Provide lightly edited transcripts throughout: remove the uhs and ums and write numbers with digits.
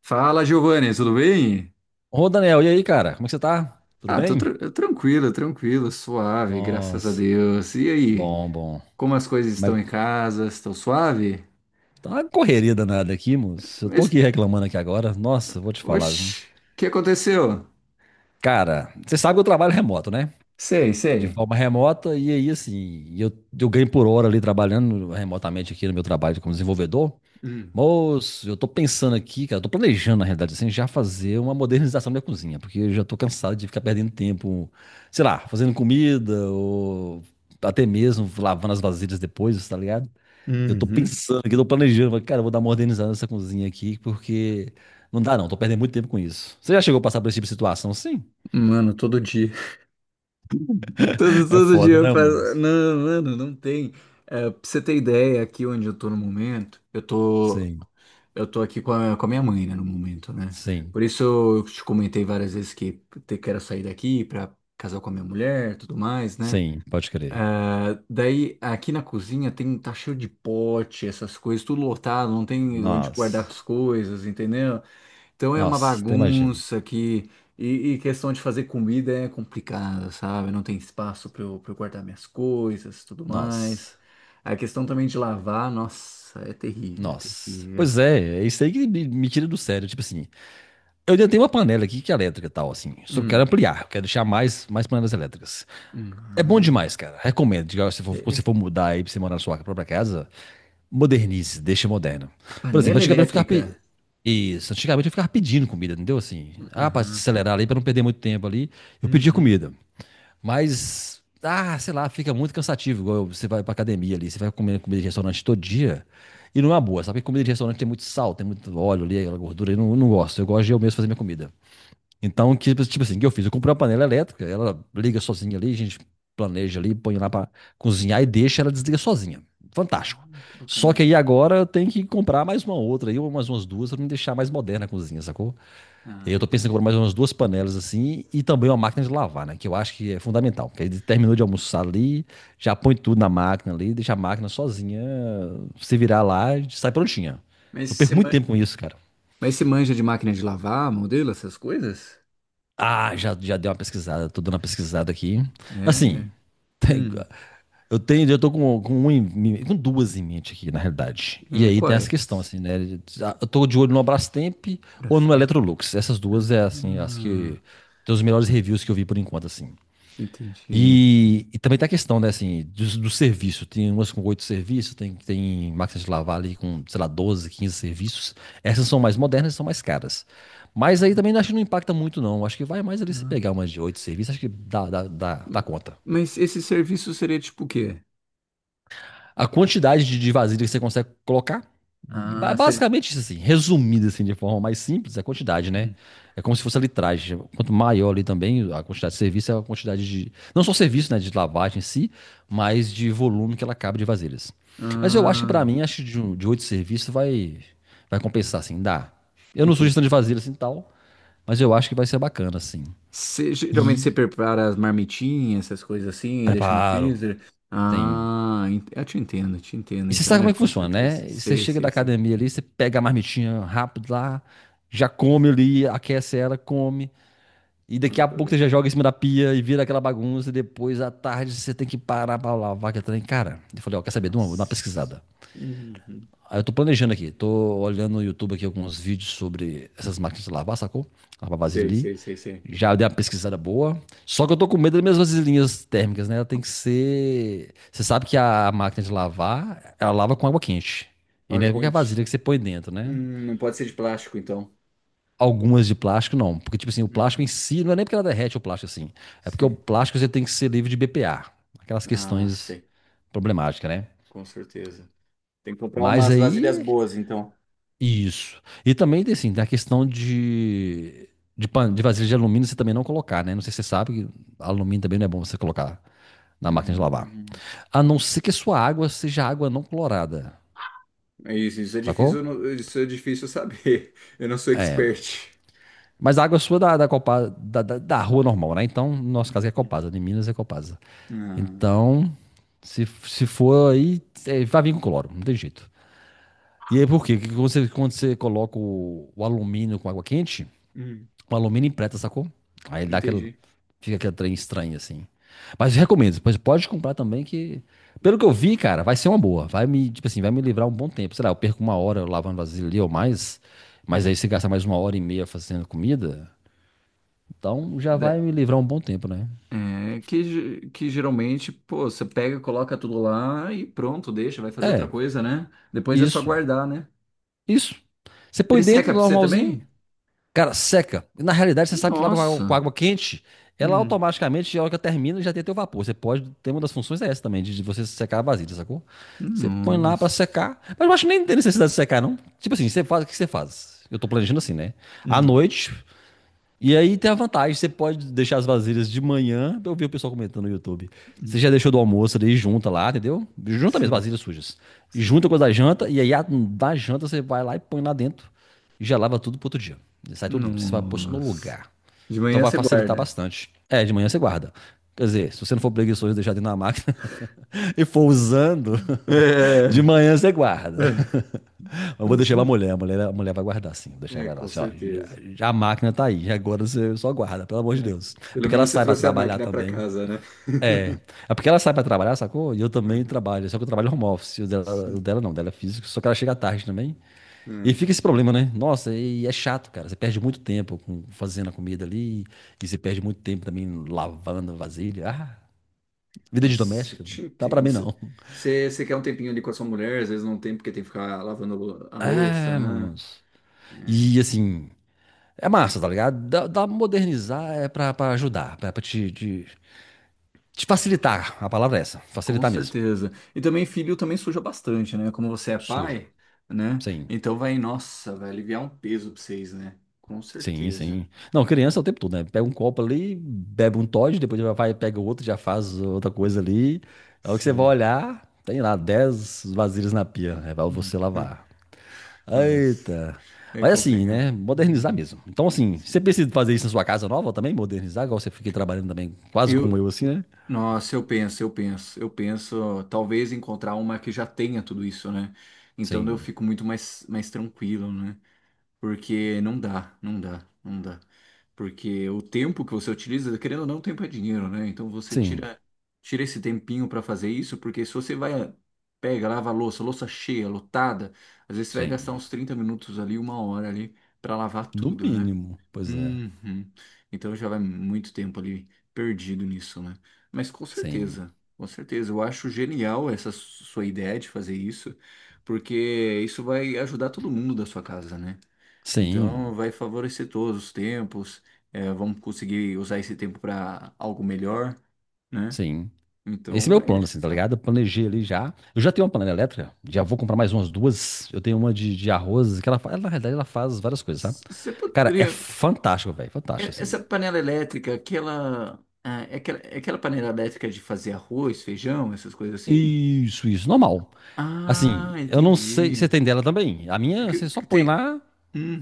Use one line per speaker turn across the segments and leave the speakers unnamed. Fala, Giovanni, tudo bem?
Ô, Daniel, e aí, cara? Como é que você tá? Tudo
Ah, tô
bem?
tranquilo, tranquilo, suave, graças a
Nossa,
Deus. E aí,
bom, bom.
como as coisas
Como é
estão em
que-
casa? Estão suave?
Tá uma correria danada aqui, moço. Eu tô
Mas,
aqui reclamando aqui agora. Nossa, vou te falar, viu?
oxi, o que aconteceu?
Cara, você sabe que eu trabalho remoto, né?
Sei,
De
sei.
forma remota, e aí, assim, eu ganho por hora ali trabalhando remotamente aqui no meu trabalho como desenvolvedor.
Hum.
Moço, eu tô pensando aqui, cara, eu tô planejando, na realidade, assim, já fazer uma modernização da minha cozinha, porque eu já tô cansado de ficar perdendo tempo, sei lá, fazendo comida, ou até mesmo lavando as vasilhas depois, tá ligado? Eu tô
Uhum.
pensando aqui, tô planejando, falei, cara, eu vou dar uma organizada nessa cozinha aqui, porque não dá não, tô perdendo muito tempo com isso. Você já chegou a passar por esse tipo de situação? Sim.
Mano, todo dia. Todo,
É
todo dia
foda,
eu
né,
faço.
moço?
Não, mano, não tem. É, pra você ter ideia, aqui onde eu tô no momento, eu tô.
Sim,
Eu tô aqui com a minha mãe, né, no momento, né?
sim,
Por isso eu te comentei várias vezes que quero sair daqui pra casar com a minha mulher, tudo mais, né?
sim, pode crer.
Ah, daí aqui na cozinha tem tá cheio de pote, essas coisas, tudo lotado, não tem onde guardar
Nossa,
as coisas, entendeu? Então é uma
nossa, até imagino.
bagunça que e questão de fazer comida é complicada, sabe? Não tem espaço pra eu guardar minhas coisas, tudo
Nossa.
mais. A questão também de lavar, nossa, é terrível, é
Nossa.
terrível.
Pois é, é isso aí que me tira do sério. Tipo assim, eu já tenho uma panela aqui que é elétrica e tal, assim. Só que eu quero
Hum.
ampliar, eu quero deixar mais panelas elétricas. É bom
Uhum.
demais, cara. Recomendo. Diga, se
É-
for, quando você
é-
for mudar aí pra você morar na sua própria casa, modernize, deixa moderno. Por exemplo,
Panela
antigamente eu ficava.
elétrica.
Isso, antigamente eu ficava pedindo comida, entendeu? Assim, ah, pra
Aham, sim.
acelerar ali, pra não perder muito tempo ali, eu pedia
Uhum.
comida. Mas, ah, sei lá, fica muito cansativo. Igual você vai pra academia ali, você vai comer comida de restaurante todo dia. E não é uma boa, sabe? Que comida de restaurante tem muito sal, tem muito óleo ali, aquela gordura. Eu não, não gosto. Eu gosto de eu mesmo fazer minha comida. Então, que, tipo assim, o que eu fiz? Eu comprei uma panela elétrica, ela liga sozinha ali, a gente planeja ali, põe lá pra cozinhar e deixa ela desliga sozinha. Fantástico.
Ah, que
Só que
bacana.
aí agora eu tenho que comprar mais uma outra aí, umas duas, pra me deixar mais moderna a cozinha, sacou?
Ah,
Eu tô pensando em comprar
entendi.
mais umas duas panelas assim e também uma máquina de lavar, né? Que eu acho que é fundamental. Porque aí terminou de almoçar ali, já põe tudo na máquina ali, deixa a máquina sozinha se virar lá e sai prontinha.
Mas
Eu
você,
perco muito
ma-
tempo com isso, cara.
Mas você manja de máquina de lavar, modelo, essas coisas?
Ah, já, já dei uma pesquisada, tô dando uma pesquisada aqui. Assim,
É.
tem-
Hum.
eu tenho, eu tô com com duas em mente aqui, na realidade. E
É,
aí tem essa questão,
quais?
assim, né? Eu tô de olho no Brastemp ou no
Brastemp.
Electrolux. Essas duas é, assim, as
Ah,
que... Tem os melhores reviews que eu vi por enquanto, assim.
entendi.
E também tem a questão, né, assim, do serviço. Tem umas com oito serviços, tem máquinas de lavar ali com, sei lá, 12, 15 serviços. Essas são mais modernas e são mais caras. Mas aí também acho que não impacta muito, não. Acho que vai mais ali se
Ah,
pegar umas de oito serviços, acho que dá
ma-
conta.
Mas esse serviço seria tipo o quê?
A quantidade de vasilha que você consegue colocar.
Ah, seria.
Basicamente isso assim, resumido assim, de forma mais simples, é a quantidade, né?
Hum.
É como se fosse a litragem. Quanto maior ali também, a quantidade de serviço é a quantidade de. Não só serviço, né? De lavagem em si, mas de volume que ela cabe de vasilhas. Mas eu acho que pra
Ah,
mim, acho que de oito serviços vai compensar, assim, dá. Eu não sou gestão de
entendi.
vasilhas assim tal, mas eu acho que vai ser bacana, assim.
Você- geralmente você
E
prepara as marmitinhas, essas coisas assim, deixa no
preparo.
freezer.
Tem
Ah, eu te entendo, te entendo.
E você
Então,
sabe como
é,
é que
com
funciona,
certeza.
né? Você
Sei,
chega da
sei, sei.
academia ali, você pega a marmitinha rápido lá, já come ali, aquece ela, come. E daqui
Manda
a
pra
pouco você já
dentro.
joga em cima da pia e vira aquela bagunça. E depois, à tarde, você tem que parar pra lavar aquele trem. Cara, eu falei, ó, quer saber de uma? Vou dar uma
Nossa.
pesquisada.
Uhum.
Aí eu tô planejando aqui, tô olhando no YouTube aqui alguns vídeos sobre essas máquinas de lavar, sacou? Lavar vasilha
Sei,
ali.
sei, sei, sei.
Já dei uma pesquisada boa. Só que eu tô com medo das minhas vasilhinhas térmicas, né? Ela tem que ser. Você sabe que a máquina de lavar, ela lava com água quente. E não
Olha,
é qualquer
quente.
vasilha que você põe dentro, né?
Não pode ser de plástico, então.
Algumas de plástico, não. Porque, tipo assim, o plástico
Uhum.
em si, não é nem porque ela derrete o plástico assim. É porque o
Sim.
plástico você tem que ser livre de BPA. Aquelas
Ah,
questões
sei.
problemáticas, né?
Com certeza. Tem que comprar
Mas
umas vasilhas
aí.
boas, então.
Isso. E também tem, assim, tem a questão de. De, pan... de vasilha de alumínio você também não colocar, né? Não sei se você sabe que alumínio também não é bom você colocar na máquina de lavar.
Hum.
A não ser que a sua água seja água não clorada,
É isso é difícil,
sacou?
eu não- isso é difícil eu saber. Eu não sou expert.
Mas a água sua da, da rua normal, né? Então, no nosso caso é
Uhum.
Copasa, de Minas é Copasa.
Ah.
Então, se for aí, é, vai vir com cloro, não tem jeito. E aí por quê? Porque quando você coloca o alumínio com água quente,
Hum,
o alumínio empreta, sacou? Aí ele dá aquele,
entendi.
fica aquele trem estranho assim. Mas recomendo, pois pode comprar também que, pelo que eu vi, cara, vai ser uma boa. Vai me, tipo assim, vai me livrar um bom tempo. Sei lá, eu perco uma hora lavando vasilha ali ou mais, mas aí
Hum.
você gasta mais uma hora e meia fazendo comida, então já
Da-
vai me livrar um bom tempo, né?
É, que, que geralmente, pô, você pega, coloca tudo lá e pronto, deixa, vai fazer outra
É,
coisa, né? Depois é só
isso.
guardar, né?
Isso. Você põe
Ele
dentro
seca pra você
normalzinho.
também?
Cara, seca. Na realidade, você sabe que lá com a
Nossa.
água quente, ela
Hum.
automaticamente, a hora que ela termina, já tem teu vapor. Você pode ter uma das funções é essa também, de você secar a vasilha, sacou? Você põe lá pra
Nossa.
secar. Mas eu acho que nem tem necessidade de secar, não. Tipo assim, você faz, o que você faz? Eu tô planejando assim, né? À
Hum.
noite, e aí tem a vantagem, você pode deixar as vasilhas de manhã, eu vi o pessoal comentando no YouTube.
Hum.
Você já deixou do almoço ali, junta lá, entendeu? Junta mesmo,
Sim,
vasilhas sujas. E
sim.
junta com as da janta, e aí a da janta você vai lá e põe lá dentro, e já lava tudo pro outro dia. E sai tudo limpo, você vai pôr só no
Nossa.
lugar.
De
Então
manhã
vai
você
facilitar
guarda.
bastante. É, de manhã você guarda. Quer dizer, se você não for preguiçoso e deixar dentro da máquina e for usando, de
É.
manhã você guarda.
É,
Eu vou
eu
deixar pra
sei.
mulher, a mulher vai guardar, sim. Vou deixar
É,
pra ela
com
assim, ó. Já,
certeza.
já a máquina tá aí, já agora você só guarda, pelo amor de Deus. É
Pelo
porque ela
menos você
sai pra
trouxe a
trabalhar
máquina para
também.
casa, né?
É. É porque ela sai pra trabalhar, sacou? E eu também trabalho, só que eu trabalho home office. O
Sim.
dela não, o dela é físico, só que ela chega tarde também.
Ah,
E fica esse
entendi.
problema, né? Nossa, e é chato, cara. Você perde muito tempo fazendo a comida ali, e você perde muito tempo também lavando a vasilha. Ah, vida de
Nossa, eu
doméstica,
te
dá pra
entendo.
mim
Você
não.
você- você quer um tempinho ali com a sua mulher, às vezes não tem porque tem que ficar lavando a louça,
É,
né?
moço.
É,
E assim, é massa, tá ligado? Dá, dá modernizar é pra ajudar, pra te facilitar. A palavra é essa,
com
facilitar mesmo.
certeza. E também filho também suja bastante, né? Como você é
Sujo.
pai, né?
Sim,
Então vai, nossa, vai aliviar um peso pra vocês, né? Com
sim,
certeza.
sim. Não, criança é o tempo todo, né? Pega um copo ali, bebe um Toddy, depois já vai, pega outro, já faz outra coisa ali. É o que você vai
Sim.
olhar, tem lá 10 vasilhas na pia, é pra você
Hum.
lavar.
Nossa,
Eita.
é
Mas assim,
complicado.
né? Modernizar
Uhum.
mesmo. Então, assim,
Sim.
você precisa fazer isso na sua casa nova também, modernizar, igual você fica trabalhando também, quase como
Eu,
eu, assim, né?
nossa, eu penso, talvez encontrar uma que já tenha tudo isso, né? Então eu
Sim,
fico muito mais, mais tranquilo, né? Porque não dá. Porque o tempo que você utiliza, querendo ou não, tempo é dinheiro, né? Então você
sim,
tira, tira esse tempinho para fazer isso, porque se você vai, pega, lava a louça, louça cheia, lotada, às vezes você vai gastar
sim.
uns 30 minutos ali, uma hora ali, para lavar
No
tudo, né?
mínimo, pois é.
Uhum. Então já vai muito tempo ali perdido nisso, né? Mas com
Sim,
certeza, com certeza. Eu acho genial essa sua ideia de fazer isso, porque isso vai ajudar todo mundo da sua casa, né? Então,
sim,
vai favorecer todos os tempos, vamos conseguir usar esse tempo para algo melhor, né?
sim. Esse é
Então,
meu
vai
plano, assim, tá
ajudar.
ligado? Eu planejei ali já. Eu já tenho uma panela elétrica, já vou comprar mais umas duas. Eu tenho uma de arroz, que ela, ela, na realidade, ela faz várias coisas, sabe?
Você
Cara, é
poderia.
fantástico, velho, fantástico, assim.
Essa panela elétrica, aquela. Ah, é aquela panela elétrica de fazer arroz, feijão, essas coisas assim?
Isso, normal. Assim,
Ah,
eu não sei, você
entendi.
tem dela também? A minha, você só
Que
põe
tem.
lá,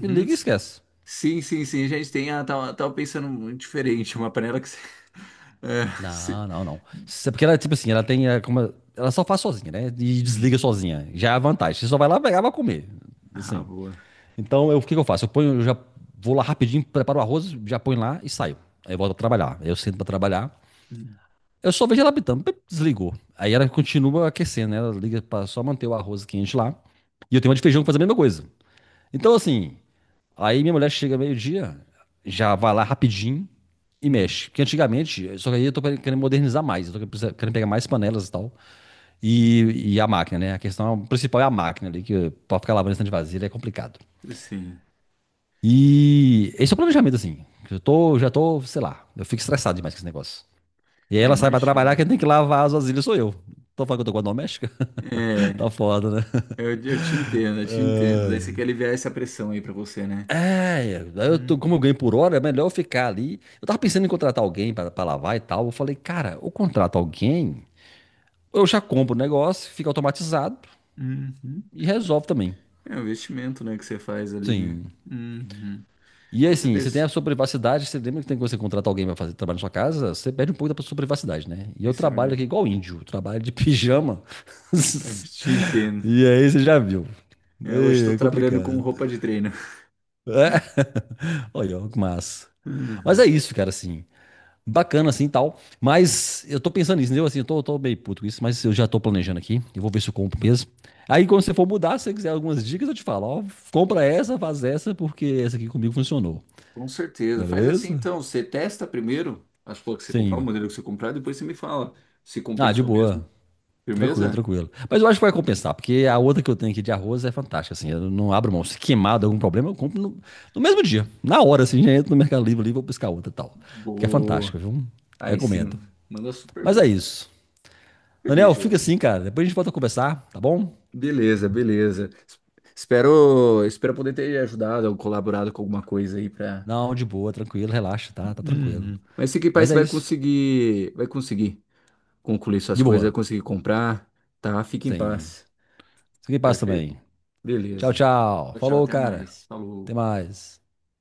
e liga e esquece.
Sim, sim, sim. A gente tem. Ah, tava pensando muito diferente. Uma panela que. É,
Não, não, não. Porque ela, é tipo assim, ela tem, é, como, ela só faz sozinha, né? E desliga
Hum.
sozinha. Já é a vantagem. Você só vai lá pegar, vai comer,
Ah,
assim.
boa.
Então, eu, o que que eu faço? Eu ponho, eu já vou lá rapidinho, preparo o arroz, já ponho lá e saio. Aí eu volto pra trabalhar. Aí eu sento pra trabalhar.
Hum,
Eu só vejo ela apitando, pip, desligou. Aí ela continua aquecendo, né? Ela liga pra só manter o arroz quente lá. E eu tenho uma de feijão que faz a mesma coisa. Então, assim, aí minha mulher chega meio-dia, já vai lá rapidinho e
hum,
mexe. Porque antigamente, só que aí eu tô querendo modernizar mais, eu tô querendo pegar mais panelas e tal.
entendi.
E a máquina, né? A questão principal é a máquina ali, que pra ficar lavando esse tanto de vasilha é complicado.
Sim.
E esse é o planejamento, assim. Eu tô, já tô, sei lá, eu fico estressado demais com esse negócio. E aí
Ah,
ela sai pra trabalhar,
imagino.
quem tem que lavar as vasilhas sou eu. Tô falando que eu tô com a doméstica?
É,
Tá foda, né?
eu te entendo, eu te entendo. Daí você
Ai.
quer aliviar essa pressão aí pra você, né?
É, eu tô, como eu
Uhum.
ganho por hora, é melhor eu ficar ali. Eu tava pensando em contratar alguém pra, pra lavar e tal. Eu falei, cara, eu contrato alguém, eu já compro o negócio, fica automatizado
Uhum.
e resolve também.
É o investimento, né, que você faz ali, né?
Sim,
Uhum.
e
Com
assim, você tem
certeza.
a sua privacidade, você lembra que tem que você contratar alguém para fazer trabalho na sua casa, você perde um pouco da sua privacidade, né? E eu
Isso é
trabalho
verdade.
aqui igual índio, trabalho de pijama.
É, eu te entendo.
E aí você já viu.
Eu hoje
É
estou
é
trabalhando com
complicado.
roupa de treino.
É, olha, ó, que massa. Mas é
Uhum.
isso, cara, assim. Bacana, assim, tal. Mas eu tô pensando nisso, entendeu? Assim, eu tô meio puto com isso, mas eu já tô planejando aqui. Eu vou ver se eu compro mesmo. Aí, quando você for mudar, se você quiser algumas dicas, eu te falo, ó, compra essa, faz essa, porque essa aqui comigo funcionou.
Com certeza. Faz assim
Beleza?
então, você testa primeiro as flores que você comprar, o
Sim.
modelo que você comprar, depois você me fala se
Ah, de
compensou mesmo.
boa. Tranquilo,
Firmeza?
tranquilo. Mas eu acho que vai compensar, porque a outra que eu tenho aqui de arroz é fantástica, assim. Eu não abro mão. Se queimado algum problema, eu compro no mesmo dia. Na hora, assim, já entro no Mercado Livre ali, vou buscar outra e tal. Porque é
Boa.
fantástica, viu?
Aí
Recomendo.
sim, manda super
Mas é
bem.
isso.
Feliz,
Daniel, fica
Giovanni.
assim, cara. Depois a gente volta a conversar, tá bom?
Beleza, beleza. Espero poder ter ajudado ou colaborado com alguma coisa aí para.
Não, de boa, tranquilo, relaxa, tá? Tá tranquilo.
Uhum. Mas fique em paz,
Mas
você
é isso.
vai conseguir concluir suas
De
coisas, vai
boa.
conseguir comprar, tá? Fique em
Sim. Sem,
paz.
sem paz
Perfeito?
também. Tchau,
Beleza.
tchau.
Tchau, tchau,
Falou,
até
cara.
mais. Falou.
Até mais.